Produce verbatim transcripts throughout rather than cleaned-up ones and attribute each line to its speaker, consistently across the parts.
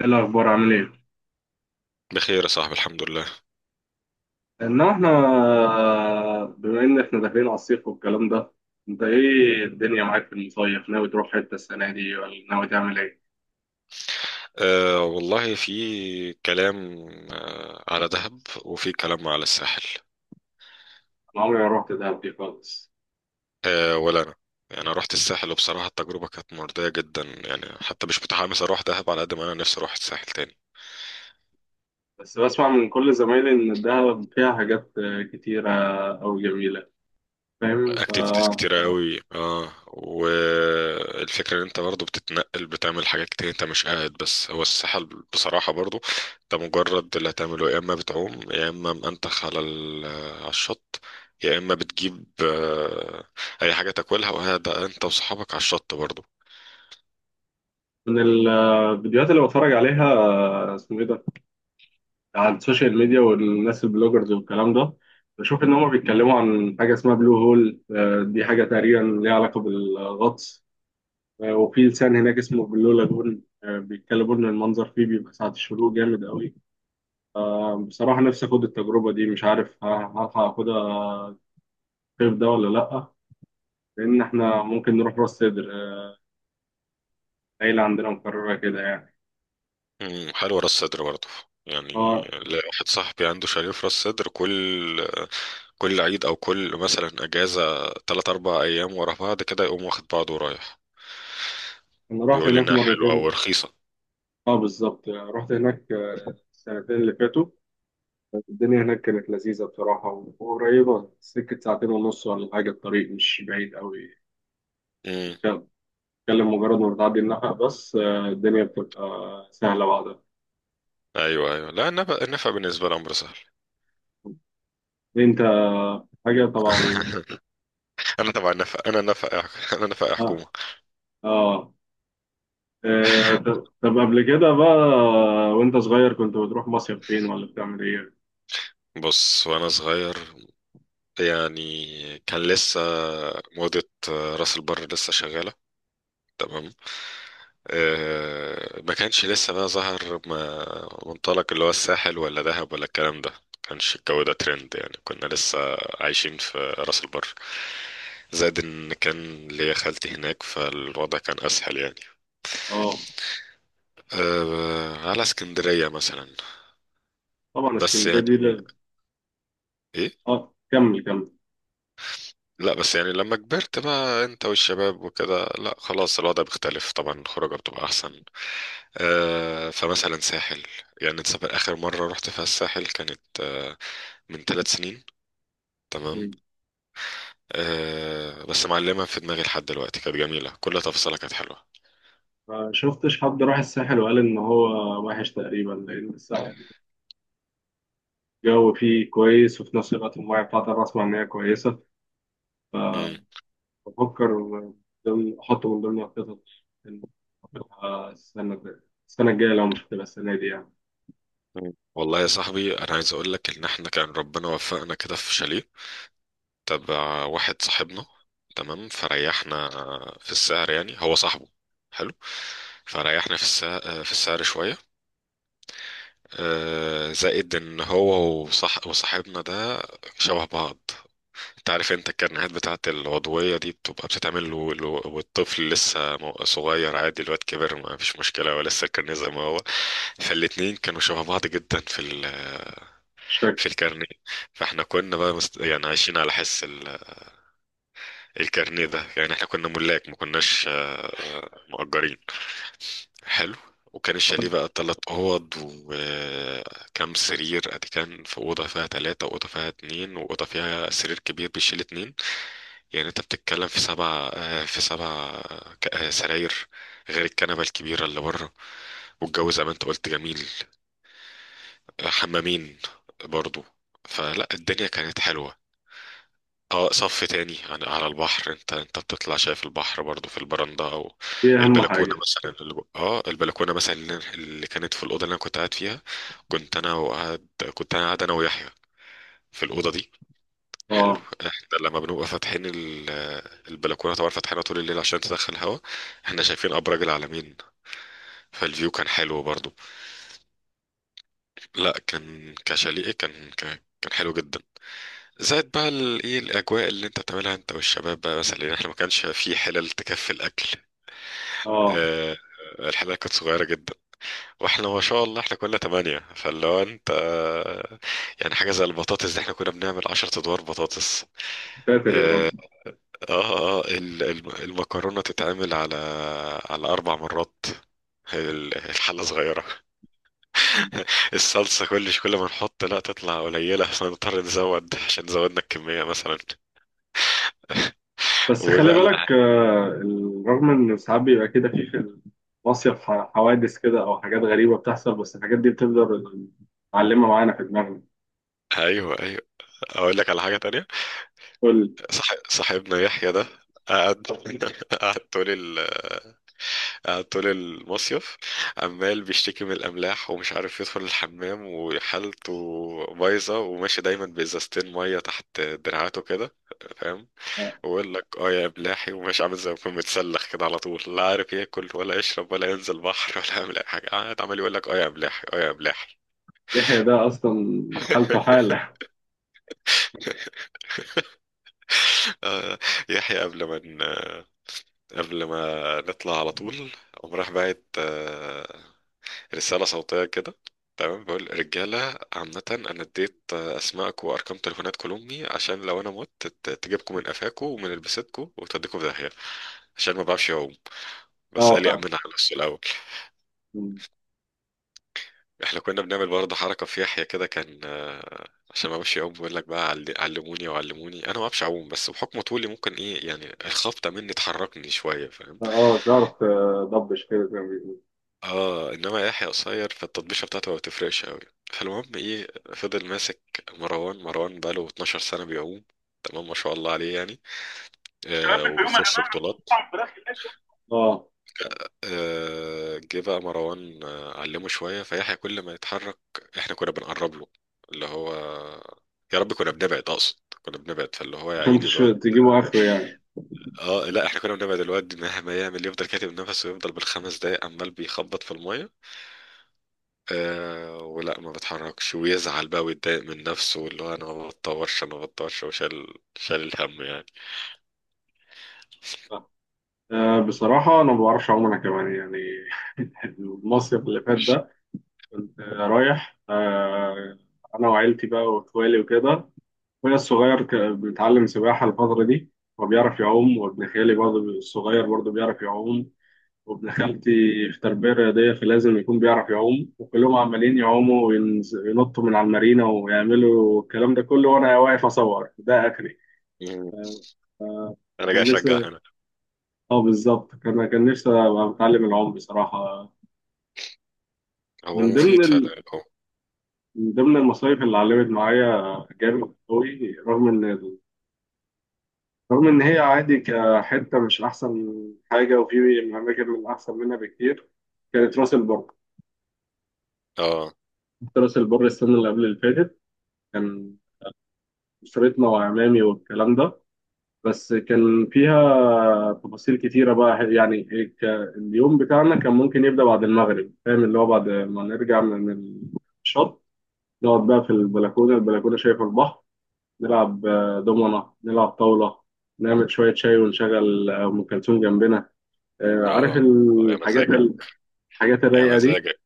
Speaker 1: ايه الاخبار عامل ايه؟
Speaker 2: بخير يا صاحبي الحمد لله.
Speaker 1: انما احنا بما ان احنا داخلين على الصيف والكلام ده، انت ايه الدنيا معاك في المصيف؟ ناوي تروح حته السنه دي ولا ناوي تعمل ايه؟
Speaker 2: أه والله في كلام، أه على دهب وفي كلام على الساحل.
Speaker 1: انا عمري ما رحت دهب دي خالص.
Speaker 2: أه ولا أنا، يعني أنا رحت الساحل وبصراحة التجربة كانت مرضية جدا، يعني حتى مش متحمس أروح دهب على قد ما أنا نفسي أروح الساحل تاني.
Speaker 1: بس بسمع من كل زمايلي ان دهب فيها حاجات كتيره او جميله، فاهم؟ ف
Speaker 2: اكتيفيتيز كتيرة قوي، اه، والفكرة ان انت برضو بتتنقل بتعمل حاجات كتير، انت مش قاعد بس. هو الساحل بصراحة برضو انت مجرد اللي هتعمله يا اما بتعوم يا اما منتخ على ال- على الشط، يا اما بتجيب آه، اي حاجة تاكلها وقاعد انت وصحابك على الشط برضو.
Speaker 1: من الفيديوهات اللي بتفرج عليها، اسمه ايه ده، على السوشيال ميديا، والناس البلوجرز والكلام ده، بشوف ان هم بيتكلموا عن حاجه اسمها بلو هول. آه، دي حاجه تقريبا ليها علاقه بالغطس. آه، وفي لسان هناك اسمه بلو لاجون. آه، بيتكلموا ان المنظر فيه بيبقى ساعة الشروق جامد قوي. بصراحة نفسي اخد التجربة دي، مش عارف ه- هلحق اخدها الصيف ده ولا لأ، لان احنا ممكن نروح راس سدر آه، العيلة عندنا مقررة كده يعني.
Speaker 2: مم، حلوة راس سدر برضو يعني.
Speaker 1: اه،
Speaker 2: ليا واحد صاحبي عنده شاليه في راس سدر، كل كل عيد او كل مثلا اجازة تلات اربع ايام ورا بعض، كده يقوم واخد بعضه ورايح.
Speaker 1: انا رحت
Speaker 2: بيقول لي
Speaker 1: هناك
Speaker 2: انها حلوه
Speaker 1: مرتين.
Speaker 2: ورخيصه.
Speaker 1: اه بالظبط، آه، رحت هناك آه، السنتين اللي فاتوا الدنيا هناك كانت لذيذة بصراحة، وقريبة، سكة ساعتين ونص ولا حاجة، الطريق مش بعيد قوي.
Speaker 2: امم.
Speaker 1: تتكلم، مجرد ما بتعدي النفق بس آه، الدنيا بتبقى سهلة بعدها.
Speaker 2: ايوه ايوه، لا، النفق النفق بالنسبه لي امر سهل.
Speaker 1: انت حاجة طبعا.
Speaker 2: انا تبع النفق، انا نفق انا نفق حكومه.
Speaker 1: اه. اه. آه، طب، طب قبل كده بقى، وانت صغير كنت بتروح مصيف فين ولا بتعمل ايه؟
Speaker 2: بص، وانا صغير يعني، كان لسه موضه راس البر لسه شغاله، تمام؟ آه، ما كانش لسه بقى ظهر ما- منطلق اللي هو الساحل ولا دهب ولا الكلام ده، ما كانش الجو ده ترند يعني. كنا لسه عايشين في راس البر، زائد ان كان ليا خالتي هناك، فالوضع كان اسهل يعني.
Speaker 1: اه
Speaker 2: أه، على اسكندرية مثلا،
Speaker 1: طبعا
Speaker 2: بس
Speaker 1: اسكندرية
Speaker 2: يعني
Speaker 1: دي ل-
Speaker 2: ايه
Speaker 1: اه كمل كمل.
Speaker 2: لا بس يعني لما كبرت بقى انت والشباب وكده، لا خلاص الوضع بيختلف طبعا، الخروجة بتبقى احسن. آه، فمثلا ساحل، يعني انت سافر اخر مره رحت فيها الساحل كانت آه، من ثلاث سنين، تمام؟
Speaker 1: مم.
Speaker 2: آه، بس معلمه في دماغي لحد دلوقتي، كانت جميله، كل تفصيلة كانت حلوه.
Speaker 1: ما شفتش حد راح الساحل وقال ان هو وحش تقريبا، لان الساحل الجو فيه كويس، وفي نفس الوقت الميه بتاعته أنا بسمع ان هي كويسة، فبفكر
Speaker 2: مم.
Speaker 1: من ضمن- احطه من ضمن الخطط إن أروح السنة الجاية، السنة الجاية لو مش هتبقى السنة دي يعني.
Speaker 2: مم. والله يا صاحبي، انا عايز اقول لك ان احنا كان ربنا وفقنا كده في شاليه تبع واحد صاحبنا، تمام، فريحنا في السعر، يعني هو صاحبه، حلو، فريحنا في السعر، في السعر شويه. آه، زائد ان هو وصاح وصاحبنا ده شبه بعض. انت عارف انت الكرنيهات بتاعت العضوية دي بتبقى بتتعمل له له- والطفل لسه مو- صغير عادي، الواد كبر ما فيش مشكلة، هو لسه الكرنيه زي ما هو. فالاتنين كانوا شبه بعض جدا في ال... في
Speaker 1: الشكل.
Speaker 2: الكرنيه. فاحنا كنا بقى مست... يعني عايشين على حس ال... الكرنيه ده، يعني احنا كنا ملاك ما كناش آه، مؤجرين. حلو. وكان الشاليه بقى تلات أوض، وكم سرير أدي؟ كان في أوضة فيها تلاتة، وأوضة فيها اتنين، وأوضة فيها سرير كبير بيشيل اتنين. يعني انت بتتكلم في سبع آه، في سبع آه، ك- آه، سراير، غير الكنبة الكبيرة اللي بره. والجو زي ما انت قلت جميل. آه، حمامين برضو. فلا الدنيا كانت حلوة. اه، صف تاني عن- على البحر، انت انت بتطلع شايف البحر برضو في البرندة او
Speaker 1: دي أهم
Speaker 2: البلكونة
Speaker 1: حاجة.
Speaker 2: مثلا. اللي جو- اه البلكونة مثلا اللي اللي كانت في الأوضة اللي انا كنت قاعد فيها، كنت انا وقاعد كنت انا قاعد انا ويحيى في الأوضة دي. حلو.
Speaker 1: اه.
Speaker 2: احنا لما بنبقى فاتحين ال- البلكونه، طبعا فاتحينها طول الليل عشان تدخل هوا، احنا شايفين ابراج العلمين، فالفيو كان حلو برضو. لا كان كشاليه كان ك- كان حلو جدا. زائد بقى ال- ايه الاجواء اللي انت بتعملها انت والشباب بقى، مثلا لان احنا ما كانش في حلل تكفي الاكل.
Speaker 1: اه.
Speaker 2: آه، الحلقة كانت صغيرة جدا، واحنا ما شاء الله احنا كنا تمانية، فاللي هو انت يعني حاجة زي البطاطس دي احنا كنا بنعمل عشرة ادوار بطاطس.
Speaker 1: ساتر يا رب.
Speaker 2: آه، اه اه ال- الم- المكرونة تتعمل على على أربع مرات، هي ال- الحلة صغيرة. الصلصة كل كل ما نحط لا تطلع قليلة، فنضطر نزود عشان زودنا الكمية مثلا.
Speaker 1: بس خلي
Speaker 2: وبقى ال-
Speaker 1: بالك آه، ال- رغم ان ساعات بيبقى كده في في المصيف ح- حوادث كده او حاجات غريبه بتحصل، بس الحاجات دي بتفضل معلمه معانا في دماغنا.
Speaker 2: ايوه ايوه، اقول لك على حاجة تانية.
Speaker 1: قول.
Speaker 2: صح، صاحبنا يحيى ده قعد، قعد طول ال... قعد طول المصيف عمال بيشتكي من الأملاح، ومش عارف يدخل الحمام، وحالته بايظة، وماشي دايما بإزازتين مية تحت دراعاته كده، فاهم؟
Speaker 1: آه،
Speaker 2: بقول لك اه يا بلاحي، ومش عامل زي ما يكون متسلخ كده على طول، لا عارف ياكل ولا يشرب ولا ينزل بحر ولا يعمل اي حاجه، قاعد عمال يقول لك اه يا بلاحي اه يا بلاحي.
Speaker 1: يحيى ده اصلا حالته حاله.
Speaker 2: آه، يحيى قبل ما ن- آه، قبل ما نطلع، على طول قام راح باعت آه، رسالة صوتية كده، تمام؟ بقول رجالة عامة، أنا اديت آه، أسمائك وأرقام تليفونات كل أمي، عشان لو أنا مت ت- تجيبكم من قفاكم ومن لبستكم وتوديكم في داهية، عشان ما بعرفش أعوم. بس قال
Speaker 1: اه
Speaker 2: لي
Speaker 1: فاهم.
Speaker 2: أمنها على نفسه الأول.
Speaker 1: مم.
Speaker 2: احنا كنا بنعمل برضه حركة في يحيى كده، كان آه، عشان ما اعرفش يعوم، بيقول لك بقى عل- علموني وعلموني، انا ما اعرفش اعوم، بس بحكم طولي ممكن ايه يعني الخبطة مني تحركني شوية، فاهم؟
Speaker 1: اه تعرف، تضبش كده زي ما بيقولوا.
Speaker 2: اه، انما يحيى قصير، فالتطبيشة بتاعته ما بتفرقش قوي. فالمهم ايه؟ فضل ماسك مروان، مروان بقاله اتناشر سنة بيعوم، تمام، ما شاء الله عليه يعني. آه،
Speaker 1: اشتغلنا في يوم يا
Speaker 2: وبيخش
Speaker 1: جماعه، رحتوا
Speaker 2: بطولات.
Speaker 1: مطعم فراخ هناك؟ اه،
Speaker 2: آه، جه بقى مروان آه، علمه شوية فيحيى. كل ما يتحرك احنا كنا بنقرب له، اللي هو، يا رب كنا بنبعد اقصد كنا بنبعد، فاللي هو يا
Speaker 1: عشان
Speaker 2: عيني
Speaker 1: تش-
Speaker 2: الواد.
Speaker 1: تجيبوا اخره يعني.
Speaker 2: اه، لا، احنا كنا بنبعد، الواد مهما يعمل يفضل كاتب نفسه، ويفضل بالخمس دقايق عمال بيخبط في المية، آه، ولا ما بتحركش ويزعل بقى ويتضايق من نفسه، واللي هو انا ما بتطورش انا ما بتطورش، وشال شال الهم يعني.
Speaker 1: آه، بصراحه انا ما بعرفش اعوم انا كمان يعني. المصيف اللي فات
Speaker 2: مش-
Speaker 1: ده كنت رايح آه، أنا وعيلتي بقى وإخوالي وكده. أخويا الصغير ك- بيتعلم سباحة الفترة دي وبيعرف يعوم، وابن خالي برضه الصغير برضه بيعرف يعوم، وابن خالتي في تربية رياضية فلازم يكون بيعرف يعوم، وكلهم عمالين يعوموا وينز- وينطوا من على المارينا ويعملوا الكلام ده كله، وأنا واقف أصور ده آخري.
Speaker 2: مم. انا جاي
Speaker 1: كان
Speaker 2: اشجع
Speaker 1: نفسي،
Speaker 2: هنا.
Speaker 1: اه بالظبط، كان كان نفسي أبقى بتعلم العوم بصراحة.
Speaker 2: هو
Speaker 1: من ضمن
Speaker 2: مفيد
Speaker 1: ال...
Speaker 2: فعلا هو.
Speaker 1: من ضمن المصايف اللي علمت معايا جامد قوي، رغم ان، رغم إن هي عادي كحتة مش أحسن حاجة، وفي أماكن من أحسن منها بكتير، كانت راس البر.
Speaker 2: اه
Speaker 1: كنت راس البر السنة اللي قبل اللي فاتت، كان أسرتنا وعمامي والكلام ده، بس كان فيها تفاصيل كتيرة بقى يعني. ك- اليوم بتاعنا كان ممكن يبدأ بعد المغرب، فاهم؟ اللي هو بعد ما نرجع من الشط، نقعد بقى في البلكونة، البلكونة شايفة البحر، نلعب آه، دومنة، نلعب طاولة، نعمل شوية شاي ونشغل أم كلثوم جنبنا. آه، عارف
Speaker 2: اه. اه يا
Speaker 1: الحاجات
Speaker 2: مزاجك،
Speaker 1: ال- الحاجات
Speaker 2: يا
Speaker 1: الرايقة دي،
Speaker 2: مزاجك.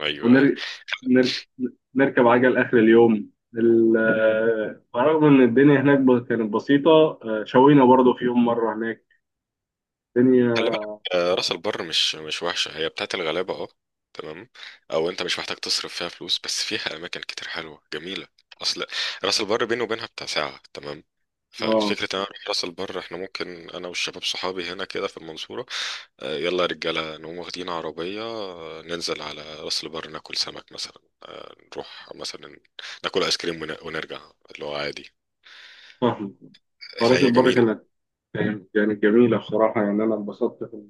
Speaker 2: ايوه ايوه.
Speaker 1: ونركب، نرك... نرك- نركب عجل آخر اليوم. ال- آه، رغم إن الدنيا هناك ب- كانت بسيطة، آه، شوينا برضه في يوم مرة هناك
Speaker 2: خلي
Speaker 1: الدنيا.
Speaker 2: بالك آه، راس البر مش مش وحشه، هي بتاعت الغلابه اه، تمام، او انت مش محتاج تصرف فيها فلوس، بس فيها اماكن كتير حلوه جميله. اصل راس البر بيني وبينها بتاع ساعه، تمام؟
Speaker 1: اه
Speaker 2: فالفكرة ان انا اروح راس البر، احنا ممكن انا والشباب صحابي هنا كده في المنصورة، آه، يلا يا رجالة نقوم واخدين عربية آه، ننزل على راس البر، ناكل سمك مثلا، آه، نروح مثلا ناكل ايس كريم ون- ونرجع، اللي هو عادي.
Speaker 1: فاهم. فراسة
Speaker 2: فهي
Speaker 1: البر
Speaker 2: جميلة،
Speaker 1: كانت، كانت يعني جميلة بصراحة، يعني أنا انبسطت في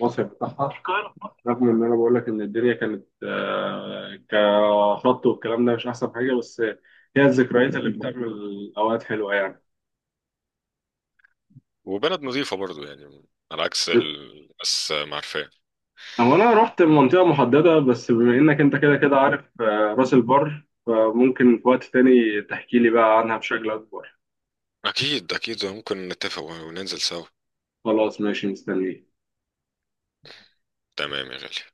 Speaker 1: المصيف بتاعها. رغم إن أنا بقول لك إن الدنيا كانت آه، كخط والكلام ده مش أحسن حاجة، بس هي الذكريات اللي بتعمل أوقات حلوة يعني.
Speaker 2: وبلد نظيفة برضو يعني، على عكس الناس ما عارفاه.
Speaker 1: هو انا رحت منطقة محددة بس، بما انك انت كده كده عارف آه، راس البر، فممكن في وقت تاني تحكي لي بقى عنها بشكل اكبر.
Speaker 2: أكيد أكيد، ممكن نتفق وننزل سوا.
Speaker 1: خلاص ماشي، مستنيك.
Speaker 2: تمام يا غالي.